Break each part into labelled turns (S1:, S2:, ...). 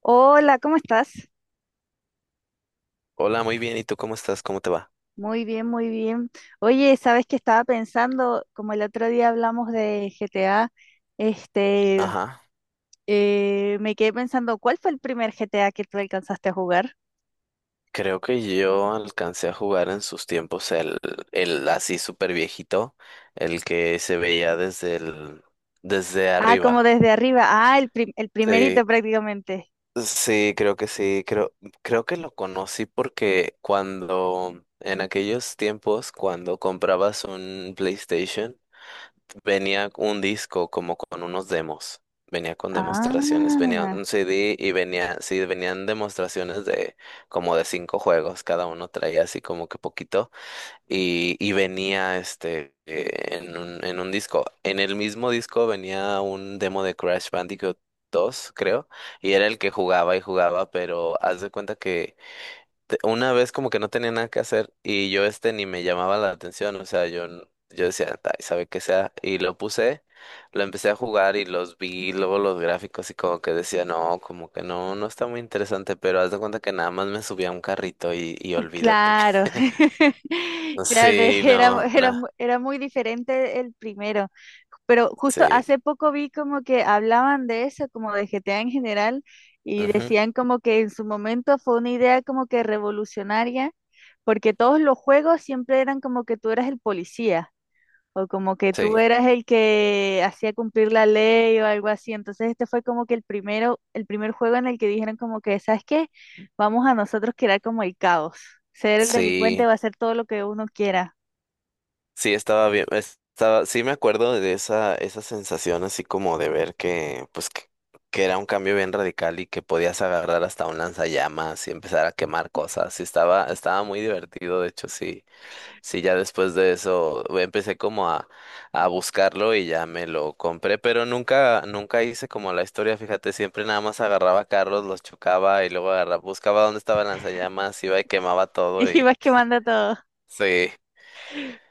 S1: Hola, ¿cómo estás?
S2: Hola, muy bien. ¿Y tú cómo estás? ¿Cómo te va?
S1: Muy bien, muy bien. Oye, sabes que estaba pensando, como el otro día hablamos de GTA, este,
S2: Ajá.
S1: me quedé pensando, ¿cuál fue el primer GTA que tú alcanzaste a jugar?
S2: Creo que yo alcancé a jugar en sus tiempos el así súper viejito, el que se veía desde
S1: Ah, como
S2: arriba.
S1: desde arriba. Ah, el
S2: Sí,
S1: primerito prácticamente.
S2: sí, creo que sí. Creo que lo conocí porque cuando, en aquellos tiempos, cuando comprabas un PlayStation, venía un disco como con unos demos, venía con
S1: Ah,
S2: demostraciones, venía un CD y venía, sí, venían demostraciones de como de cinco juegos, cada uno traía así como que poquito y venía este en un disco. En el mismo disco venía un demo de Crash Bandicoot 2, creo, y era el que jugaba y jugaba, pero haz de cuenta que una vez como que no tenía nada que hacer y yo este ni me llamaba la atención, o sea, yo decía, ay, sabe qué sea, y lo puse, lo empecé a jugar y los vi, luego los gráficos y como que decía, no, como que no, no está muy interesante, pero haz de cuenta que nada más me subía a un carrito y olvídate.
S1: claro, claro,
S2: Sí, no, no,
S1: era muy diferente el primero, pero justo
S2: sí,
S1: hace poco vi como que hablaban de eso, como de GTA en general, y
S2: ujú,
S1: decían como que en su momento fue una idea como que revolucionaria, porque todos los juegos siempre eran como que tú eras el policía. O como que tú
S2: sí,
S1: eras el que hacía cumplir la ley o algo así. Entonces este fue como que el primero, el primer juego en el que dijeron como que, ¿sabes qué? Vamos a nosotros crear como el caos. Ser el
S2: sí.
S1: delincuente va a hacer todo lo que uno quiera.
S2: Sí, estaba bien, sí me acuerdo de esa sensación así como de ver que, pues, que era un cambio bien radical y que podías agarrar hasta un lanzallamas y empezar a quemar cosas. Sí, estaba muy divertido, de hecho, sí, sí, ya después de eso empecé como a buscarlo y ya me lo compré, pero nunca, nunca hice como la historia, fíjate, siempre nada más agarraba carros, los chocaba y luego buscaba dónde estaba el lanzallamas, iba y quemaba todo
S1: Y
S2: y
S1: vas quemando todo.
S2: sí.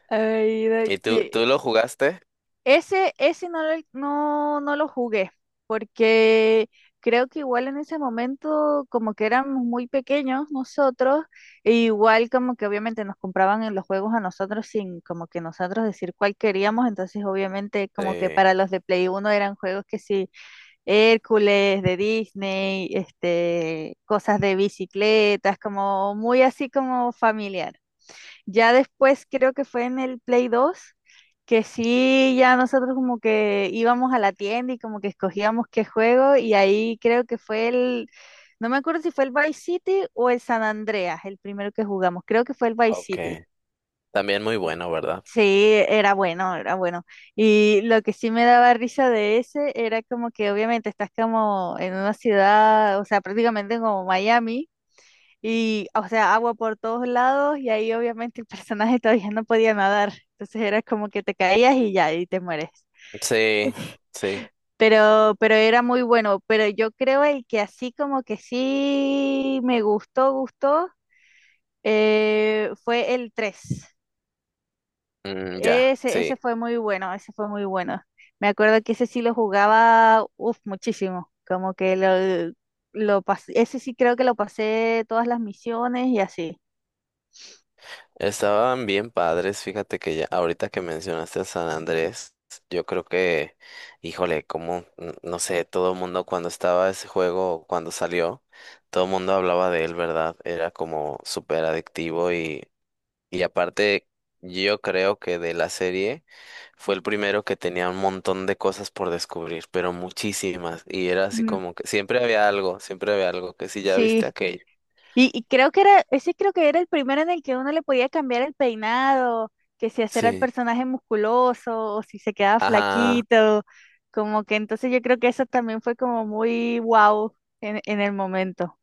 S1: Ay, no,
S2: ¿Y tú,
S1: ye-
S2: tú lo jugaste?
S1: ese, no, no lo jugué, porque creo que igual en ese momento, como que éramos muy pequeños nosotros, e igual como que obviamente nos compraban en los juegos a nosotros sin como que nosotros decir cuál queríamos, entonces obviamente
S2: Sí.
S1: como que para los de Play uno eran juegos que sí, Hércules, de Disney, este, cosas de bicicletas, como muy así como familiar. Ya después creo que fue en el Play 2 que sí, ya nosotros como que íbamos a la tienda y como que escogíamos qué juego y ahí creo que fue el, no me acuerdo si fue el Vice City o el San Andreas, el primero que jugamos, creo que fue el Vice City.
S2: Okay, también muy bueno, ¿verdad?
S1: Sí, era bueno, era bueno. Y lo que sí me daba risa de ese era como que obviamente estás como en una ciudad, o sea, prácticamente como Miami. Y, o sea, agua por todos lados y ahí obviamente el personaje todavía no podía nadar. Entonces era como que te caías y ya, y te mueres.
S2: Sí, sí,
S1: Pero era muy bueno. Pero yo creo el que así como que sí me gustó, gustó, fue el tres.
S2: mm, ya,
S1: Ese,
S2: sí.
S1: ese fue muy bueno, ese fue muy bueno. Me acuerdo que ese sí lo jugaba, uf, muchísimo. Como que lo pasé, ese sí creo que lo pasé todas las misiones y así.
S2: Estaban bien padres, fíjate que ya, ahorita que mencionaste a San Andrés, yo creo que, híjole, como, no sé, todo el mundo cuando estaba ese juego, cuando salió, todo el mundo hablaba de él, ¿verdad? Era como súper adictivo y aparte, yo creo que de la serie. Fue el primero que tenía un montón de cosas por descubrir, pero muchísimas. Y era así
S1: Ujú.
S2: como que siempre había algo, que si ya viste
S1: Sí,
S2: aquello.
S1: y creo que era, ese creo que era el primero en el que uno le podía cambiar el peinado, que si hacer el
S2: Sí.
S1: personaje musculoso o si se quedaba
S2: Ajá.
S1: flaquito, como que entonces yo creo que eso también fue como muy wow en el momento.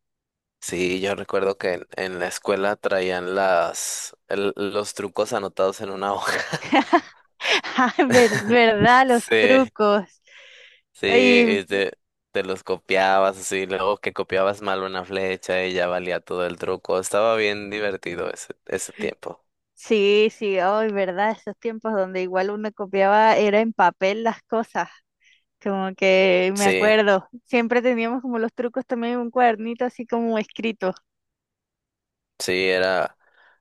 S2: Sí, yo recuerdo que en la escuela traían los trucos anotados en una hoja.
S1: Ay, ver- ¿verdad? Los
S2: Sí,
S1: trucos.
S2: sí,
S1: Y
S2: y te los copiabas así, luego que copiabas mal una flecha y ya valía todo el truco. Estaba bien divertido ese, ese tiempo.
S1: sí, sí, ay, ¿verdad? Esos tiempos donde igual uno copiaba, era en papel las cosas. Como que me
S2: Sí.
S1: acuerdo, siempre teníamos como los trucos también en un cuadernito así como escrito.
S2: Sí, era,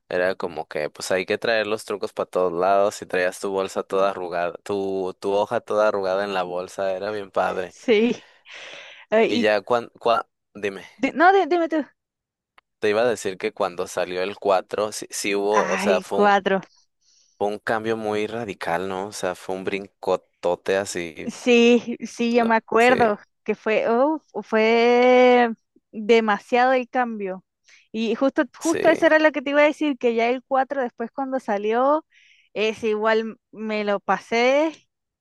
S2: era como que pues hay que traer los trucos para todos lados y traías tu bolsa toda arrugada, tu hoja toda arrugada en la bolsa, era bien padre.
S1: Sí. Ay,
S2: Y
S1: y
S2: ya cuando, dime,
S1: di- no, di- dime tú.
S2: te iba a decir que cuando salió el 4 sí, sí hubo, o sea,
S1: Ay,
S2: fue un,
S1: cuatro.
S2: fue un cambio muy radical, ¿no? O sea, fue un brincotote así,
S1: Sí, sí, yo me
S2: ¿no? Sí,
S1: acuerdo que fue, oh, fue demasiado el cambio. Y justo,
S2: sí,
S1: justo eso era lo que te iba a decir, que ya el 4 después cuando salió, es igual me lo pasé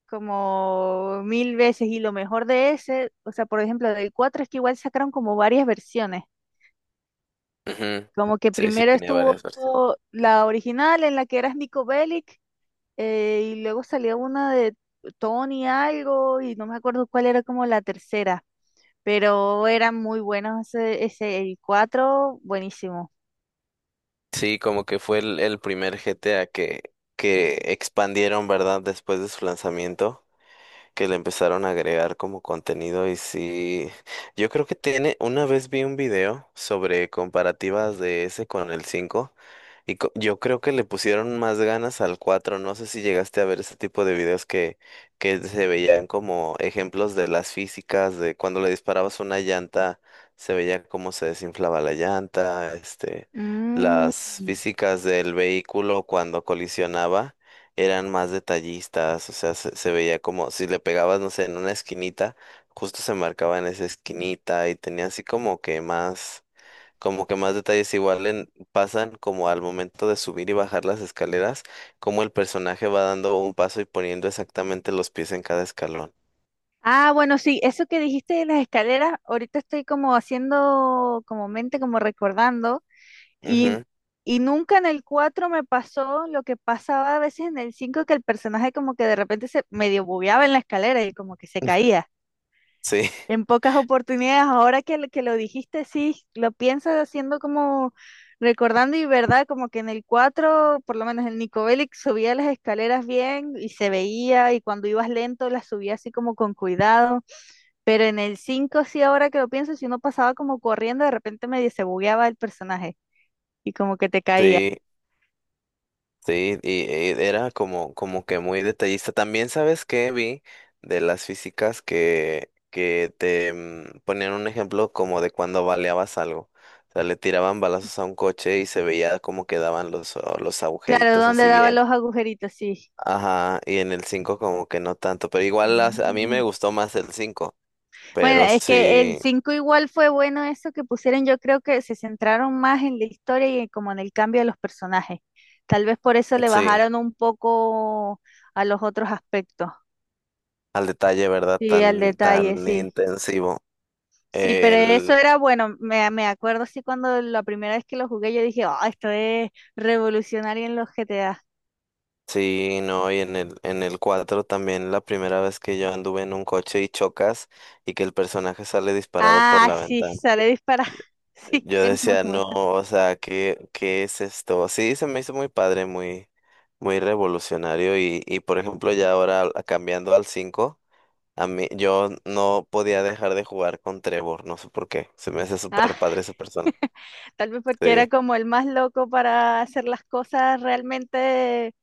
S1: como mil veces y lo mejor de ese, o sea, por ejemplo, del 4 es que igual sacaron como varias versiones,
S2: ujú,
S1: como que
S2: sí, sí
S1: primero
S2: tenía
S1: estuvo
S2: varias versiones.
S1: la original en la que eras Nico Bellic, y luego salía una de Tony algo y no me acuerdo cuál era como la tercera, pero eran muy buenos ese, ese el 4, buenísimo.
S2: Sí, como que fue el primer GTA que expandieron, ¿verdad? Después de su lanzamiento, que le empezaron a agregar como contenido y sí, yo creo que tiene, una vez vi un video sobre comparativas de ese con el 5 y yo creo que le pusieron más ganas al cuatro, no sé si llegaste a ver ese tipo de videos que se veían como ejemplos de las físicas, de cuando le disparabas una llanta, se veía cómo se desinflaba la llanta, este, las
S1: Mm.
S2: físicas del vehículo cuando colisionaba eran más detallistas, o sea, se veía como si le pegabas, no sé, en una esquinita, justo se marcaba en esa esquinita y tenía así como que más detalles igual en, pasan como al momento de subir y bajar las escaleras, como el personaje va dando un paso y poniendo exactamente los pies en cada escalón.
S1: Ah, bueno, sí, eso que dijiste de las escaleras, ahorita estoy como haciendo como mente, como recordando, y,
S2: Ujú,
S1: y nunca en el 4 me pasó lo que pasaba a veces en el 5 que el personaje como que de repente se medio bugueaba en la escalera y como que se caía.
S2: sí,
S1: En pocas oportunidades, ahora que, que lo dijiste, sí, lo piensas haciendo como recordando y verdad, como que en el 4 por lo menos el Nico Bellic subía las escaleras bien y se veía, y cuando ibas lento las subía así como con cuidado, pero en el 5 sí, ahora que lo pienso, si uno pasaba como corriendo, de repente medio se bugueaba el personaje y como que te caía.
S2: sí. Sí, y, era como que muy detallista. También sabes que vi de las físicas que te ponían un ejemplo como de cuando baleabas algo. O sea, le tiraban balazos a un coche y se veía como quedaban los
S1: Claro,
S2: agujeritos
S1: ¿dónde
S2: así
S1: daba
S2: bien.
S1: los agujeritos? Sí.
S2: Ajá, y en el 5 como que no tanto, pero igual a mí
S1: Mm.
S2: me gustó más el cinco,
S1: Bueno,
S2: pero
S1: es que el
S2: sí,
S1: 5 igual fue bueno eso que pusieron, yo creo que se centraron más en la historia y como en el cambio de los personajes. Tal vez por eso le
S2: sí,
S1: bajaron un poco a los otros aspectos.
S2: al detalle, ¿verdad?
S1: Sí, al
S2: Tan,
S1: detalle,
S2: tan
S1: sí.
S2: intensivo.
S1: Sí, pero eso
S2: El
S1: era bueno, me acuerdo sí cuando la primera vez que lo jugué yo dije, oh, esto es revolucionario en los GTA.
S2: Sí, no, y en el, 4 también la primera vez que yo anduve en un coche y chocas y que el personaje sale disparado por
S1: Ah,
S2: la
S1: sí,
S2: ventana.
S1: sale disparado. Sí,
S2: Yo
S1: es muy
S2: decía,
S1: bueno.
S2: no, o sea, ¿qué, qué es esto? Sí, se me hizo muy padre, muy, muy revolucionario y por ejemplo ya ahora cambiando al cinco, a mí yo no podía dejar de jugar con Trevor, no sé por qué, se me hace
S1: Ah,
S2: súper padre esa persona.
S1: tal vez porque era
S2: Sí,
S1: como el más loco para hacer las cosas realmente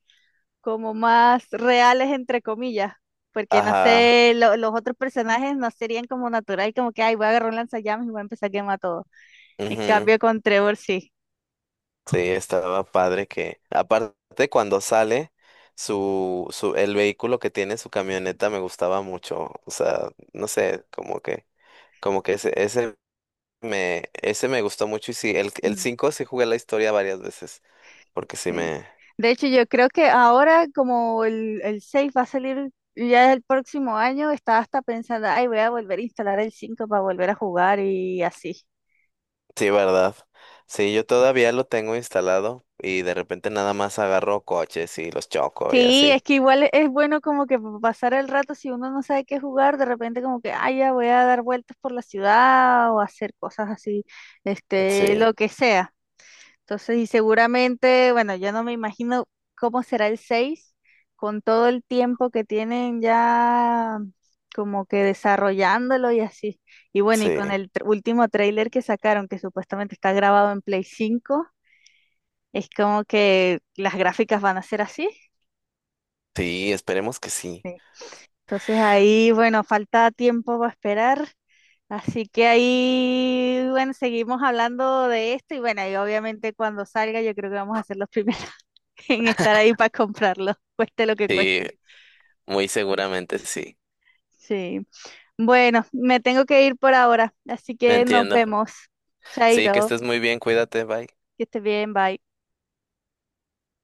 S1: como más reales, entre comillas, porque no
S2: ajá,
S1: sé, los otros personajes no serían como natural, como que, ay, voy a agarrar un lanzallamas y voy a empezar a quemar todo. En
S2: ujú.
S1: cambio, con Trevor sí.
S2: Sí, estaba padre que, aparte cuando sale, el vehículo que tiene su camioneta me gustaba mucho. O sea, no sé, como que, ese me gustó mucho. Y sí, el
S1: Mm,
S2: 5 sí jugué la historia varias veces. Porque sí
S1: sí.
S2: me,
S1: De hecho, yo creo que ahora, como el 6 va a salir ya el próximo año, estaba hasta pensando, ay, voy a volver a instalar el 5 para volver a jugar y así.
S2: sí, verdad. Sí, yo todavía lo tengo instalado y de repente nada más agarro coches y los choco y
S1: Sí, es
S2: así.
S1: que igual es bueno como que pasar el rato si uno no sabe qué jugar, de repente como que, ay, ya voy a dar vueltas por la ciudad o hacer cosas así, este,
S2: Sí,
S1: lo que sea. Entonces, y seguramente, bueno, yo no me imagino cómo será el 6 con todo el tiempo que tienen ya como que desarrollándolo y así. Y bueno, y con
S2: sí,
S1: el último tráiler que sacaron, que supuestamente está grabado en Play 5 es como que las gráficas van a ser así.
S2: sí, esperemos que sí.
S1: Entonces ahí, bueno, falta tiempo para esperar. Así que ahí, bueno, seguimos hablando de esto y bueno, y obviamente cuando salga yo creo que vamos a ser los primeros en estar ahí para comprarlo, cueste lo que cueste.
S2: Sí, muy seguramente sí.
S1: Sí. Bueno, me tengo que ir por ahora, así
S2: Me
S1: que nos
S2: entiendo.
S1: vemos.
S2: Sí, que
S1: Chaito,
S2: estés muy bien, cuídate, bye.
S1: que estés bien, bye.